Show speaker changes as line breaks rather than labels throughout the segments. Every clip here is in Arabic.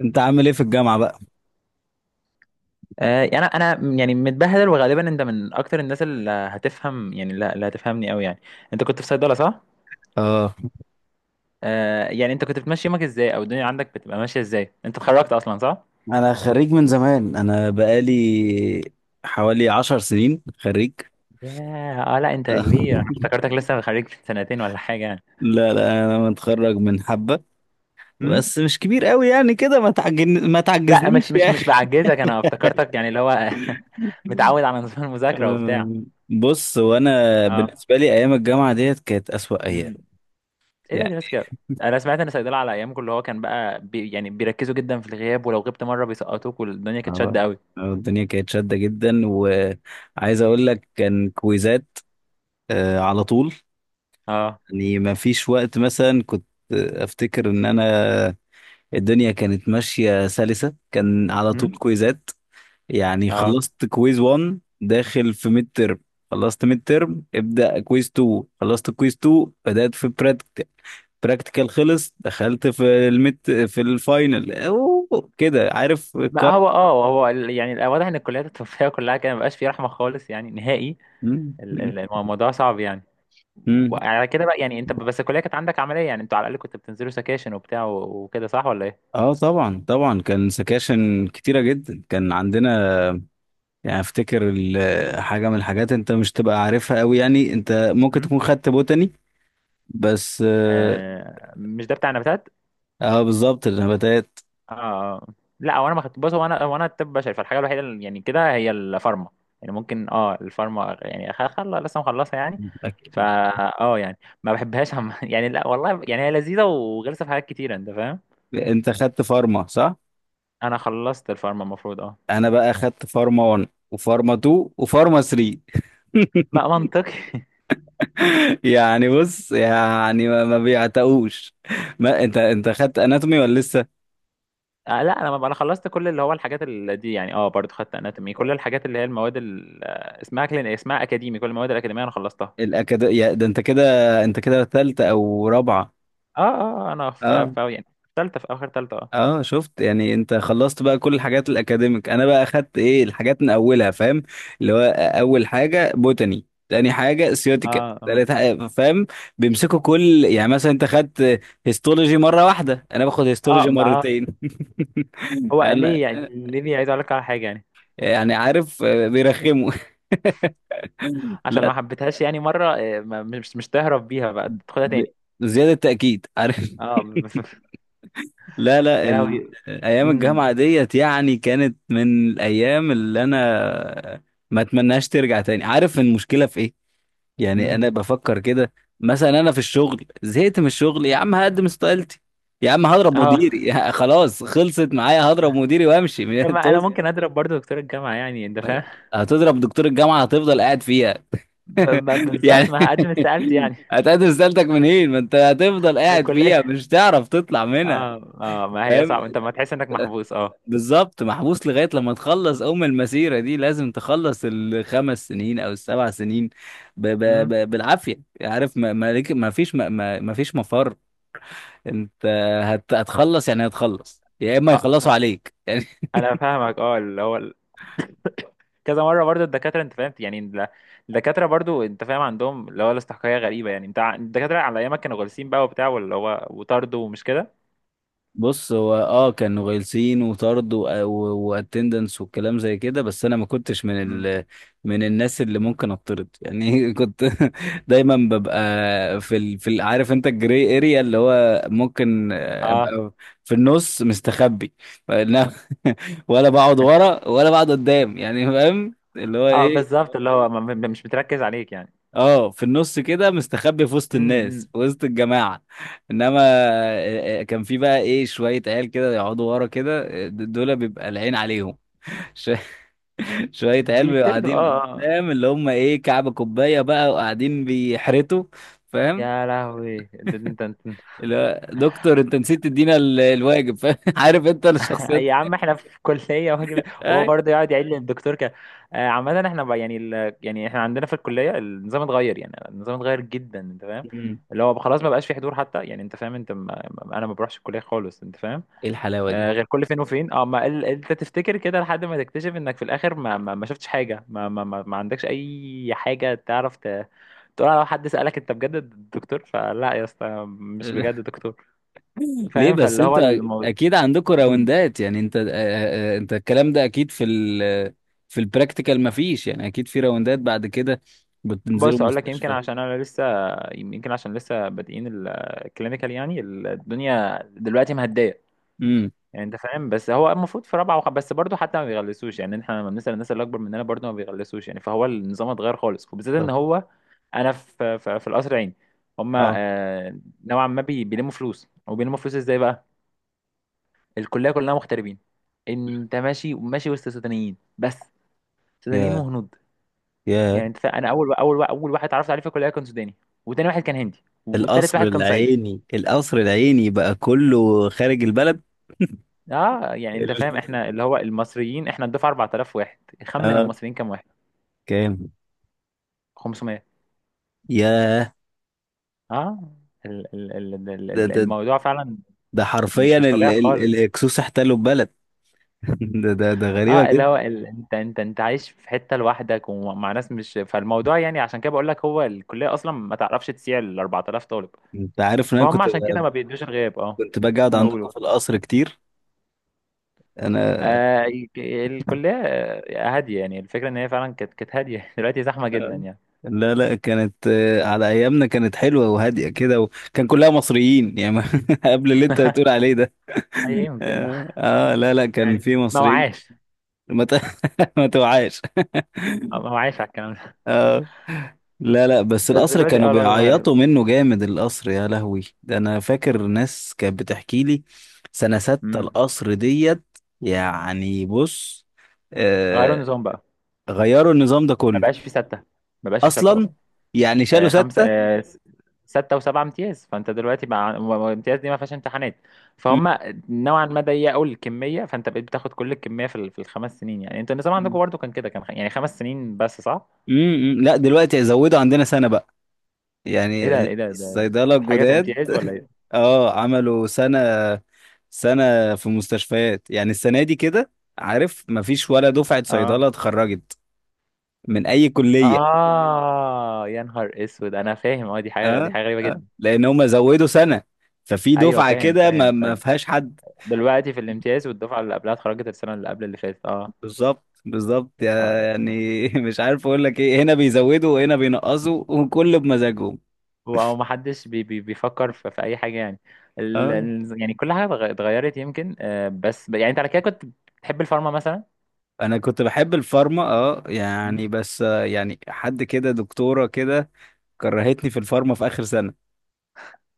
انت عامل ايه في الجامعة بقى؟
يعني انا يعني متبهدل، وغالبا انت من اكتر الناس اللي هتفهم، يعني لا، اللي هتفهمني قوي يعني. انت كنت في صيدله، صح؟
اه
يعني انت كنت بتمشي يومك ازاي، او الدنيا عندك بتبقى ماشيه ازاي؟ انت اتخرجت اصلا، صح؟
انا خريج من زمان، انا بقالي حوالي عشر سنين خريج.
ياه، اه لا، انت كبير، انا افتكرتك لسه خريج في سنتين ولا حاجه يعني.
لا لا، انا متخرج من حبة،
امم
بس مش كبير قوي يعني كده. ما
لا،
تعجزنيش
مش مش
يا
مش
اخي.
بعجزك، انا افتكرتك يعني اللي هو متعود على نظام المذاكره وبتاع.
أم، بص، وانا
اه.
بالنسبة لي ايام الجامعة ديت كانت اسوأ ايام
امم ايه ده
يعني.
اللي بس كده؟ انا سمعت ان صيدله على ايامكم اللي هو كان بقى يعني بيركزوا جدا في الغياب، ولو غبت مره بيسقطوك، والدنيا كانت
اه
شاده قوي.
الدنيا كانت شادة جدا، وعايز اقول لك كان كويزات على طول.
اه.
يعني ما فيش وقت. مثلا كنت افتكر ان انا، الدنيا كانت ماشية سلسة، كان على طول
امم
كويزات. يعني اه
اه
خلصت كويز 1 داخل في ميد ترم، خلصت ميد ترم ابدأ كويز 2، خلصت كويز 2 بدأت في براكتيكال، براكتيكال خلص دخلت في الميد، في الفاينل. كده عارف
ما
الكار.
هو هو واضح ان الكليات الطبيه كلها كده مبقاش فيه رحمه خالص يعني، نهائي.
مم، مم،
الموضوع صعب يعني.
مم.
وعلى كده بقى يعني، انت بس الكليه كانت عندك عمليه يعني، انتوا على الاقل كنتوا بتنزلوا سكاشن وبتاع وكده، صح ولا ايه؟
اه طبعا طبعا، كان سكاشن كتيرة جدا كان عندنا. يعني افتكر حاجة من الحاجات انت مش تبقى عارفها قوي. يعني انت ممكن
مم؟
تكون خدت بوتاني بس.
آه، مش ده بتاع نباتات؟
اه بالظبط، النباتات.
اه آه. لا، هو انا ما خدت، بص هو انا طب بشري، فالحاجه الوحيده اللي يعني كده هي الفارما. يعني ممكن الفارما يعني، خل لسه مخلصها يعني. فا
أكيد.
اه يعني ما بحبهاش يعني، لا والله يعني هي لذيذه وغلسه في حاجات كتيره، انت فاهم؟
انت خدت فارما صح؟
انا خلصت الفارما المفروض، اه.
انا بقى خدت فارما 1 وفارما 2 وفارما 3.
ما منطقي
يعني بص، يعني ما بيعتقوش. ما انت خدت اناتومي ولا لسه؟
آه لا، انا ما انا خلصت كل اللي هو الحاجات اللي دي يعني، اه، برضو خدت اناتومي، كل الحاجات اللي هي المواد اسمها كلين، اسمها اكاديمي، كل المواد الاكاديميه انا خلصتها.
ده انت كده، انت كده ثالثه او رابعه؟
اه اه. آه، انا في
اه
في يعني في ثالثه، في اخر ثالثه اه.
اه، شفت؟ يعني انت خلصت بقى كل الحاجات الاكاديميك، انا بقى اخدت ايه الحاجات من اولها، فاهم؟ اللي هو اول حاجه بوتاني، تاني حاجه سيوتيكال،
اه اه
تالت حاجه فاهم. بيمسكوا كل يعني، مثلا انت خدت هيستولوجي مره واحده، انا باخد
اه
هيستولوجي
ما آه.
مرتين.
هو
انا
ليه يعني، ليه بيعيدوا عليك على حاجه يعني؟
يعني عارف، بيرخموا.
عشان
لا
ما حبيتهاش يعني مره آه، مش تهرب بيها بقى، تاخدها
ب...
تاني.
زياده تاكيد، عارف.
اه
لا لا
يا
ال...
لهوي.
ايام الجامعه
امم
ديت يعني كانت من الايام اللي انا ما اتمناش ترجع تاني. عارف المشكله في ايه؟ يعني
امم
انا بفكر كده، مثلا انا في الشغل زهقت من الشغل، يا عم هقدم استقالتي، يا عم هضرب
اه
مديري، خلاص خلصت معايا، هضرب مديري وامشي.
طب ما انا ممكن اضرب برضو دكتور الجامعه يعني، انت فاهم؟
هتضرب دكتور الجامعة هتفضل قاعد فيها. يعني
بالظبط ما هقدم استقالتي يعني،
هتقدم استقالتك منين؟ ما انت هتفضل
من
قاعد فيها،
الكليه.
مش تعرف تطلع منها.
اه اه. ما هي صعب،
فاهم؟
انت ما تحس انك محبوس؟ اه.
بالظبط، محبوس لغاية لما تخلص المسيرة دي، لازم تخلص الخمس سنين أو السبع سنين ب ب
امم
ب بالعافية. عارف؟ ما ما ليك- ما فيش ما ما ما فيش مفر. انت هتخلص، يعني هتخلص يا اما يخلصوا
اه
عليك. يعني
انا فاهمك، اه، اللي هو كذا مره برضو الدكاتره، انت فاهم يعني، الدكاتره برضو انت فاهم عندهم اللي هو الاستحقاقيه غريبه يعني. انت الدكاتره على ايامك كانوا غلسين بقى وبتاع، واللي هو وطردوا ومش كده.
بص، هو اه كانوا غلسين وطرد واتندنس والكلام زي كده، بس انا ما كنتش من
امم
من الناس اللي ممكن اتطرد يعني. كنت دايما ببقى في عارف انت الجري اريا، اللي هو ممكن
اه
ابقى في النص مستخبي. فإنما- ولا بقعد ورا ولا بقعد قدام، يعني فاهم اللي هو
اه
ايه.
بالظبط، اللي هو مش بتركز عليك يعني.
اه في النص كده مستخبي في وسط الناس،
امم
في وسط الجماعة. انما كان في بقى ايه شوية عيال كده يقعدوا ورا كده، دول بيبقى العين عليهم. ش- شوية عيال بيبقوا
بيطردوا اه
قاعدين
آه.
قدام، اللي هم ايه، كعب كوباية بقى، وقاعدين بيحرتوا. فاهم؟
يا لهوي. انت
اللي هو دكتور، انت نسيت تدينا الواجب، فاهم؟ عارف انت الشخصيات.
يا عم احنا في كلية واجب، وهو
اي.
برضه يقعد يعيد للدكتور كده. آه، عامة احنا بقى يعني، ال... يعني احنا عندنا في الكلية النظام اتغير يعني، النظام اتغير جدا، انت فاهم؟
مم.
اللي هو خلاص ما بقاش في حضور حتى يعني، انت فاهم؟ انت انا ما بروحش الكلية خالص، انت فاهم؟
ايه الحلاوة دي؟
آه، غير كل فين وفين. اه، ما ال... انت تفتكر كده لحد ما تكتشف انك في الاخر ما شفتش حاجة، ما عندكش اي حاجة تعرف تقول، لو حد سألك انت بجد دكتور؟ فلا يا اسطى، مش بجد دكتور،
ليه؟
فاهم؟
بس
فاللي هو
انت
الموضوع.
اكيد عندكم راوندات، يعني انت انت الكلام ده اكيد في البراكتيكال مفيش، يعني اكيد في راوندات بعد كده، بتنزلوا
بص اقول لك، يمكن
مستشفى.
عشان انا لسه، يمكن عشان لسه بادئين الكلينيكال يعني، الدنيا دلوقتي مهديه
امم.
يعني، انت فاهم؟ بس هو المفروض في رابعه بس برضه حتى ما بيغلسوش يعني، احنا لما بنسال الناس اللي اكبر مننا برضه ما بيغلسوش يعني، فهو النظام اتغير خالص. وبالذات ان
طب
هو انا في القصر العيني، هما
اه.
آه، نوعا ما بيلموا فلوس. وبيلموا فلوس ازاي بقى؟ الكليه كلها مغتربين، انت ماشي ماشي وسط سودانيين بس، سودانيين
يا
وهنود.
يا
يعني انت انا اول واحد اتعرفت عليه في الكليه كان سوداني، وتاني واحد كان هندي، والتالت
القصر
واحد كان صعيدي.
العيني، القصر العيني بقى كله خارج البلد.
اه يعني انت فاهم،
ال-
احنا اللي هو المصريين احنا الدفعه 4000 واحد. خمن
اه.
المصريين كام واحد؟
كام؟
500.
يا
اه.
ده ده
الموضوع فعلا
ده حرفيا،
مش مش طبيعي خالص.
الاكسوس احتلوا البلد. ده غريبة
اه، اللي
جدا.
هو، ال... انت عايش في حته لوحدك ومع ناس مش فالموضوع. يعني عشان كده بقول لك، هو الكليه اصلا ما تعرفش تسيع ال 4000 طالب،
انت عارف ان انا
فهم؟
كنت،
عشان كده ما بيدوش الغياب. اه.
كنت باجي اقعد عندكم
نقول
في القصر كتير. انا
آه، الكلية آه، هادية. يعني الفكرة إن هي فعلا كانت هادية دلوقتي زحمة جدا يعني.
لا لا، كانت على ايامنا كانت حلوه وهاديه كده، وكان كلها مصريين يعني. قبل اللي انت بتقول عليه ده.
أي يمكن.
اه لا لا، كان
يعني
في
ما
مصريين.
وعاش،
ما ت- ما توعاش.
آه، ما وعاش على الكلام ده.
اه لا لا، بس
بس
القصر
دلوقتي
كانوا
أه الوضع اتغير.
بيعيطوا منه جامد. القصر يا لهوي، ده انا فاكر ناس كانت بتحكي لي سنه ستة
أمم.
القصر ديت. يعني بص،
غيروا
آه
النظام بقى.
غيروا النظام ده
ما
كله
بقاش في ستة، ما بقاش في ستة
اصلا.
أصلا.
يعني شالوا
آه، خمسة
ستة.
آه، ستة وسبعة امتياز، فأنت دلوقتي مع امتياز دي ما فيهاش امتحانات،
م-
فهم؟ نوعا ما ضيقوا الكمية، فأنت بقيت بتاخد كل الكمية في ال 5 سنين. يعني أنتوا النظام
م-
عندكم برضه كان كده، كان يعني 5 سنين بس، صح؟
لا دلوقتي زودوا عندنا سنه بقى،
إيه
يعني
ده إيه ده،
الصيدلة
حاجة زي
الجداد.
امتياز ولا إيه؟
اه عملوا سنة، سنة في مستشفيات، يعني السنة دي كده. عارف مفيش ولا دفعة
اه
صيدلة اتخرجت من أي كلية.
اه، يا نهار اسود، انا فاهم. اه، دي حاجه دي
اه
حاجه غريبه
اه،
جدا.
لأن هم زودوا سنة، ففي
ايوه
دفعة
فاهم،
كده ما
فاهم،
ما
فاهم.
فيهاش حد.
دلوقتي في الامتياز، والدفعه اللي قبلها اتخرجت السنه اللي قبل اللي فاتت. اه.
بالظبط بالظبط.
ف،
يعني مش عارف أقول لك إيه، هنا بيزودوا وهنا بينقصوا، وكل بمزاجهم.
هو هو ما حدش بي بي بيفكر في اي حاجه يعني،
اه
يعني كل حاجه اتغيرت يمكن. آه، بس يعني انت على كده كنت بتحب الفارما مثلا؟
انا كنت بحب الفارما، اه
مم؟
يعني بس يعني حد كده، دكتورة كده كرهتني في الفارما في آخر سنة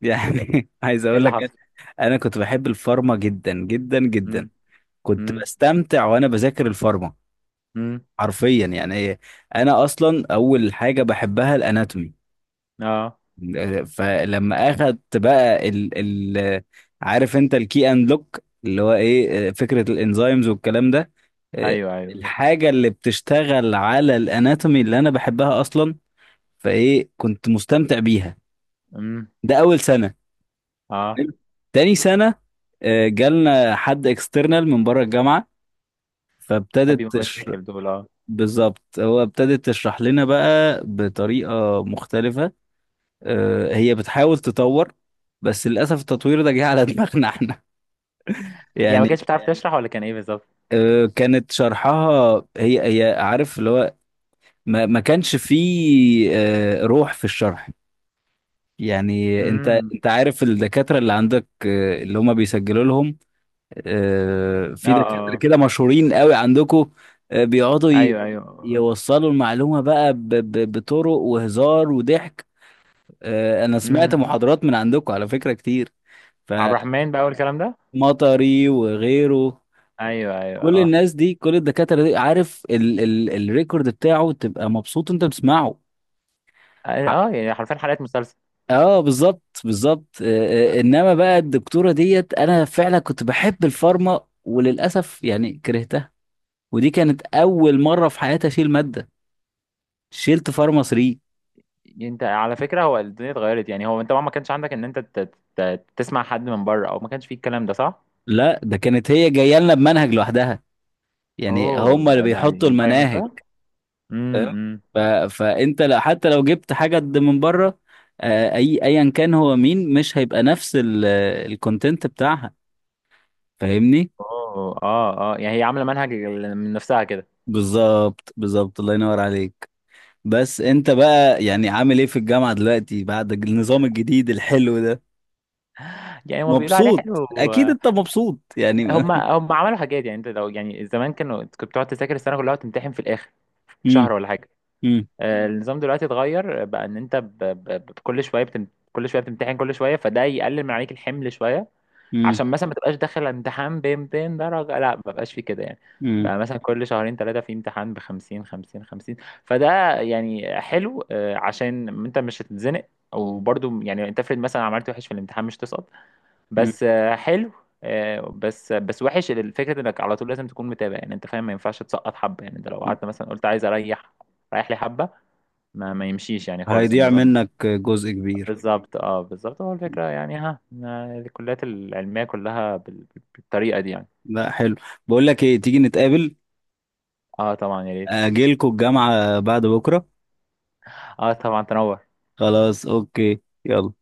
يعني. عايز
ايه
اقول
اللي
لك
حصل؟
انا كنت بحب الفارما جدا جدا جدا،
امم
كنت
امم
بستمتع وانا بذاكر الفارما
امم
حرفيا. يعني إيه، انا اصلا اول حاجه بحبها الاناتومي،
اه
فلما اخدت بقى ال ال عارف انت الكي اند لوك، اللي هو ايه فكره الانزيمز والكلام ده إيه،
ايوه ايوه.
الحاجه اللي بتشتغل على الاناتومي اللي انا بحبها اصلا، فايه كنت مستمتع بيها.
امم
ده اول سنه،
اه
حلو. تاني سنة جالنا حد اكسترنال من بره الجامعة، فابتدت
هذه
تشر...
مشاكل دول اه.
بالظبط، هو ابتدت تشرح لنا بقى بطريقة مختلفة. هي بتحاول تطور، بس للأسف التطوير ده جه على دماغنا احنا.
يعني ما
يعني
كانتش بتعرف تشرح، ولا كان ايه بالظبط؟
كانت شرحها هي هي، عارف اللي هو ما كانش فيه روح في الشرح. يعني انت،
امم
انت عارف الدكاترة اللي عندك اللي هم بيسجلوا لهم، في دكاترة
اه
كده مشهورين قوي عندكم، بيقعدوا
ايوه ايوه.
يوصلوا المعلومة بقى بطرق وهزار وضحك. أنا سمعت
امم
محاضرات من عندكم على فكرة كتير،
عبد الرحمن بقى والكلام ده.
فمطري وغيره.
ايوه ايوه
كل
اه.
الناس دي، كل الدكاترة دي، عارف ال ال الريكورد بتاعه تبقى مبسوط وانت بتسمعه.
اه، يعني حرفيا حلقات مسلسل.
اه بالظبط بالظبط. انما بقى الدكتورة ديت، انا فعلا كنت بحب الفارما وللاسف يعني كرهتها، ودي كانت أول مرة في حياتي أشيل مادة. شلت فارما 3.
انت على فكره، هو الدنيا اتغيرت. يعني هو انت ما كانش عندك ان انت تسمع حد من بره، او ما كانش فيه الكلام ده، صح؟
لا ده كانت هي جاية لنا بمنهج لوحدها، يعني
اوه،
هم اللي
ده يعني
بيحطوا
ينفع يعمل
المناهج،
كده؟
فاهم؟
امم
ف... فأنت لا، حتى لو جبت حاجة قد من بره، أي أيا كان هو مين، مش هيبقى نفس الكونتنت بتاعها، فاهمني؟
اوه اه اه يعني هي عامله منهج من نفسها كده.
بالظبط بالظبط، الله ينور عليك. بس أنت بقى يعني عامل إيه في الجامعة دلوقتي بعد النظام الجديد الحلو ده؟
يعني هما بيقولوا عليه
مبسوط،
حلو.
أكيد أنت مبسوط يعني.
هم عملوا حاجات يعني، انت لو يعني زمان كانوا، كنت بتقعد تذاكر السنه كلها وتمتحن في الاخر، في
امم.
شهر ولا حاجه. آه، النظام دلوقتي اتغير بقى، ان انت كل شويه كل شويه بتمتحن، كل شويه، فده يقلل من عليك الحمل شويه.
امم.
عشان مثلا ما تبقاش داخل امتحان ب 200 درجه، لا ما بقاش في كده يعني.
مم.
بقى مثلا كل شهرين ثلاثه في امتحان ب 50 50 50. فده يعني حلو، آه، عشان انت مش هتتزنق. وبرضه يعني انت افرض مثلا عملت وحش في الامتحان مش تسقط،
مم.
بس آه، حلو. آه، بس وحش الفكره انك على طول لازم تكون متابع، يعني انت فاهم، ما ينفعش تسقط حبه يعني. انت لو قعدت مثلا قلت عايز اريح، رايح لي حبه، ما ما يمشيش يعني خالص
هيضيع
النظام.
منك جزء كبير.
بالظبط اه بالظبط، هو الفكرة يعني ها ما الكليات العلمية كلها بالطريقة دي يعني.
لا حلو. بقول لك ايه، تيجي نتقابل.
اه طبعا، يا ريت.
اجيلكوا الجامعة بعد بكرة.
اه طبعا تنور.
خلاص اوكي، يلا.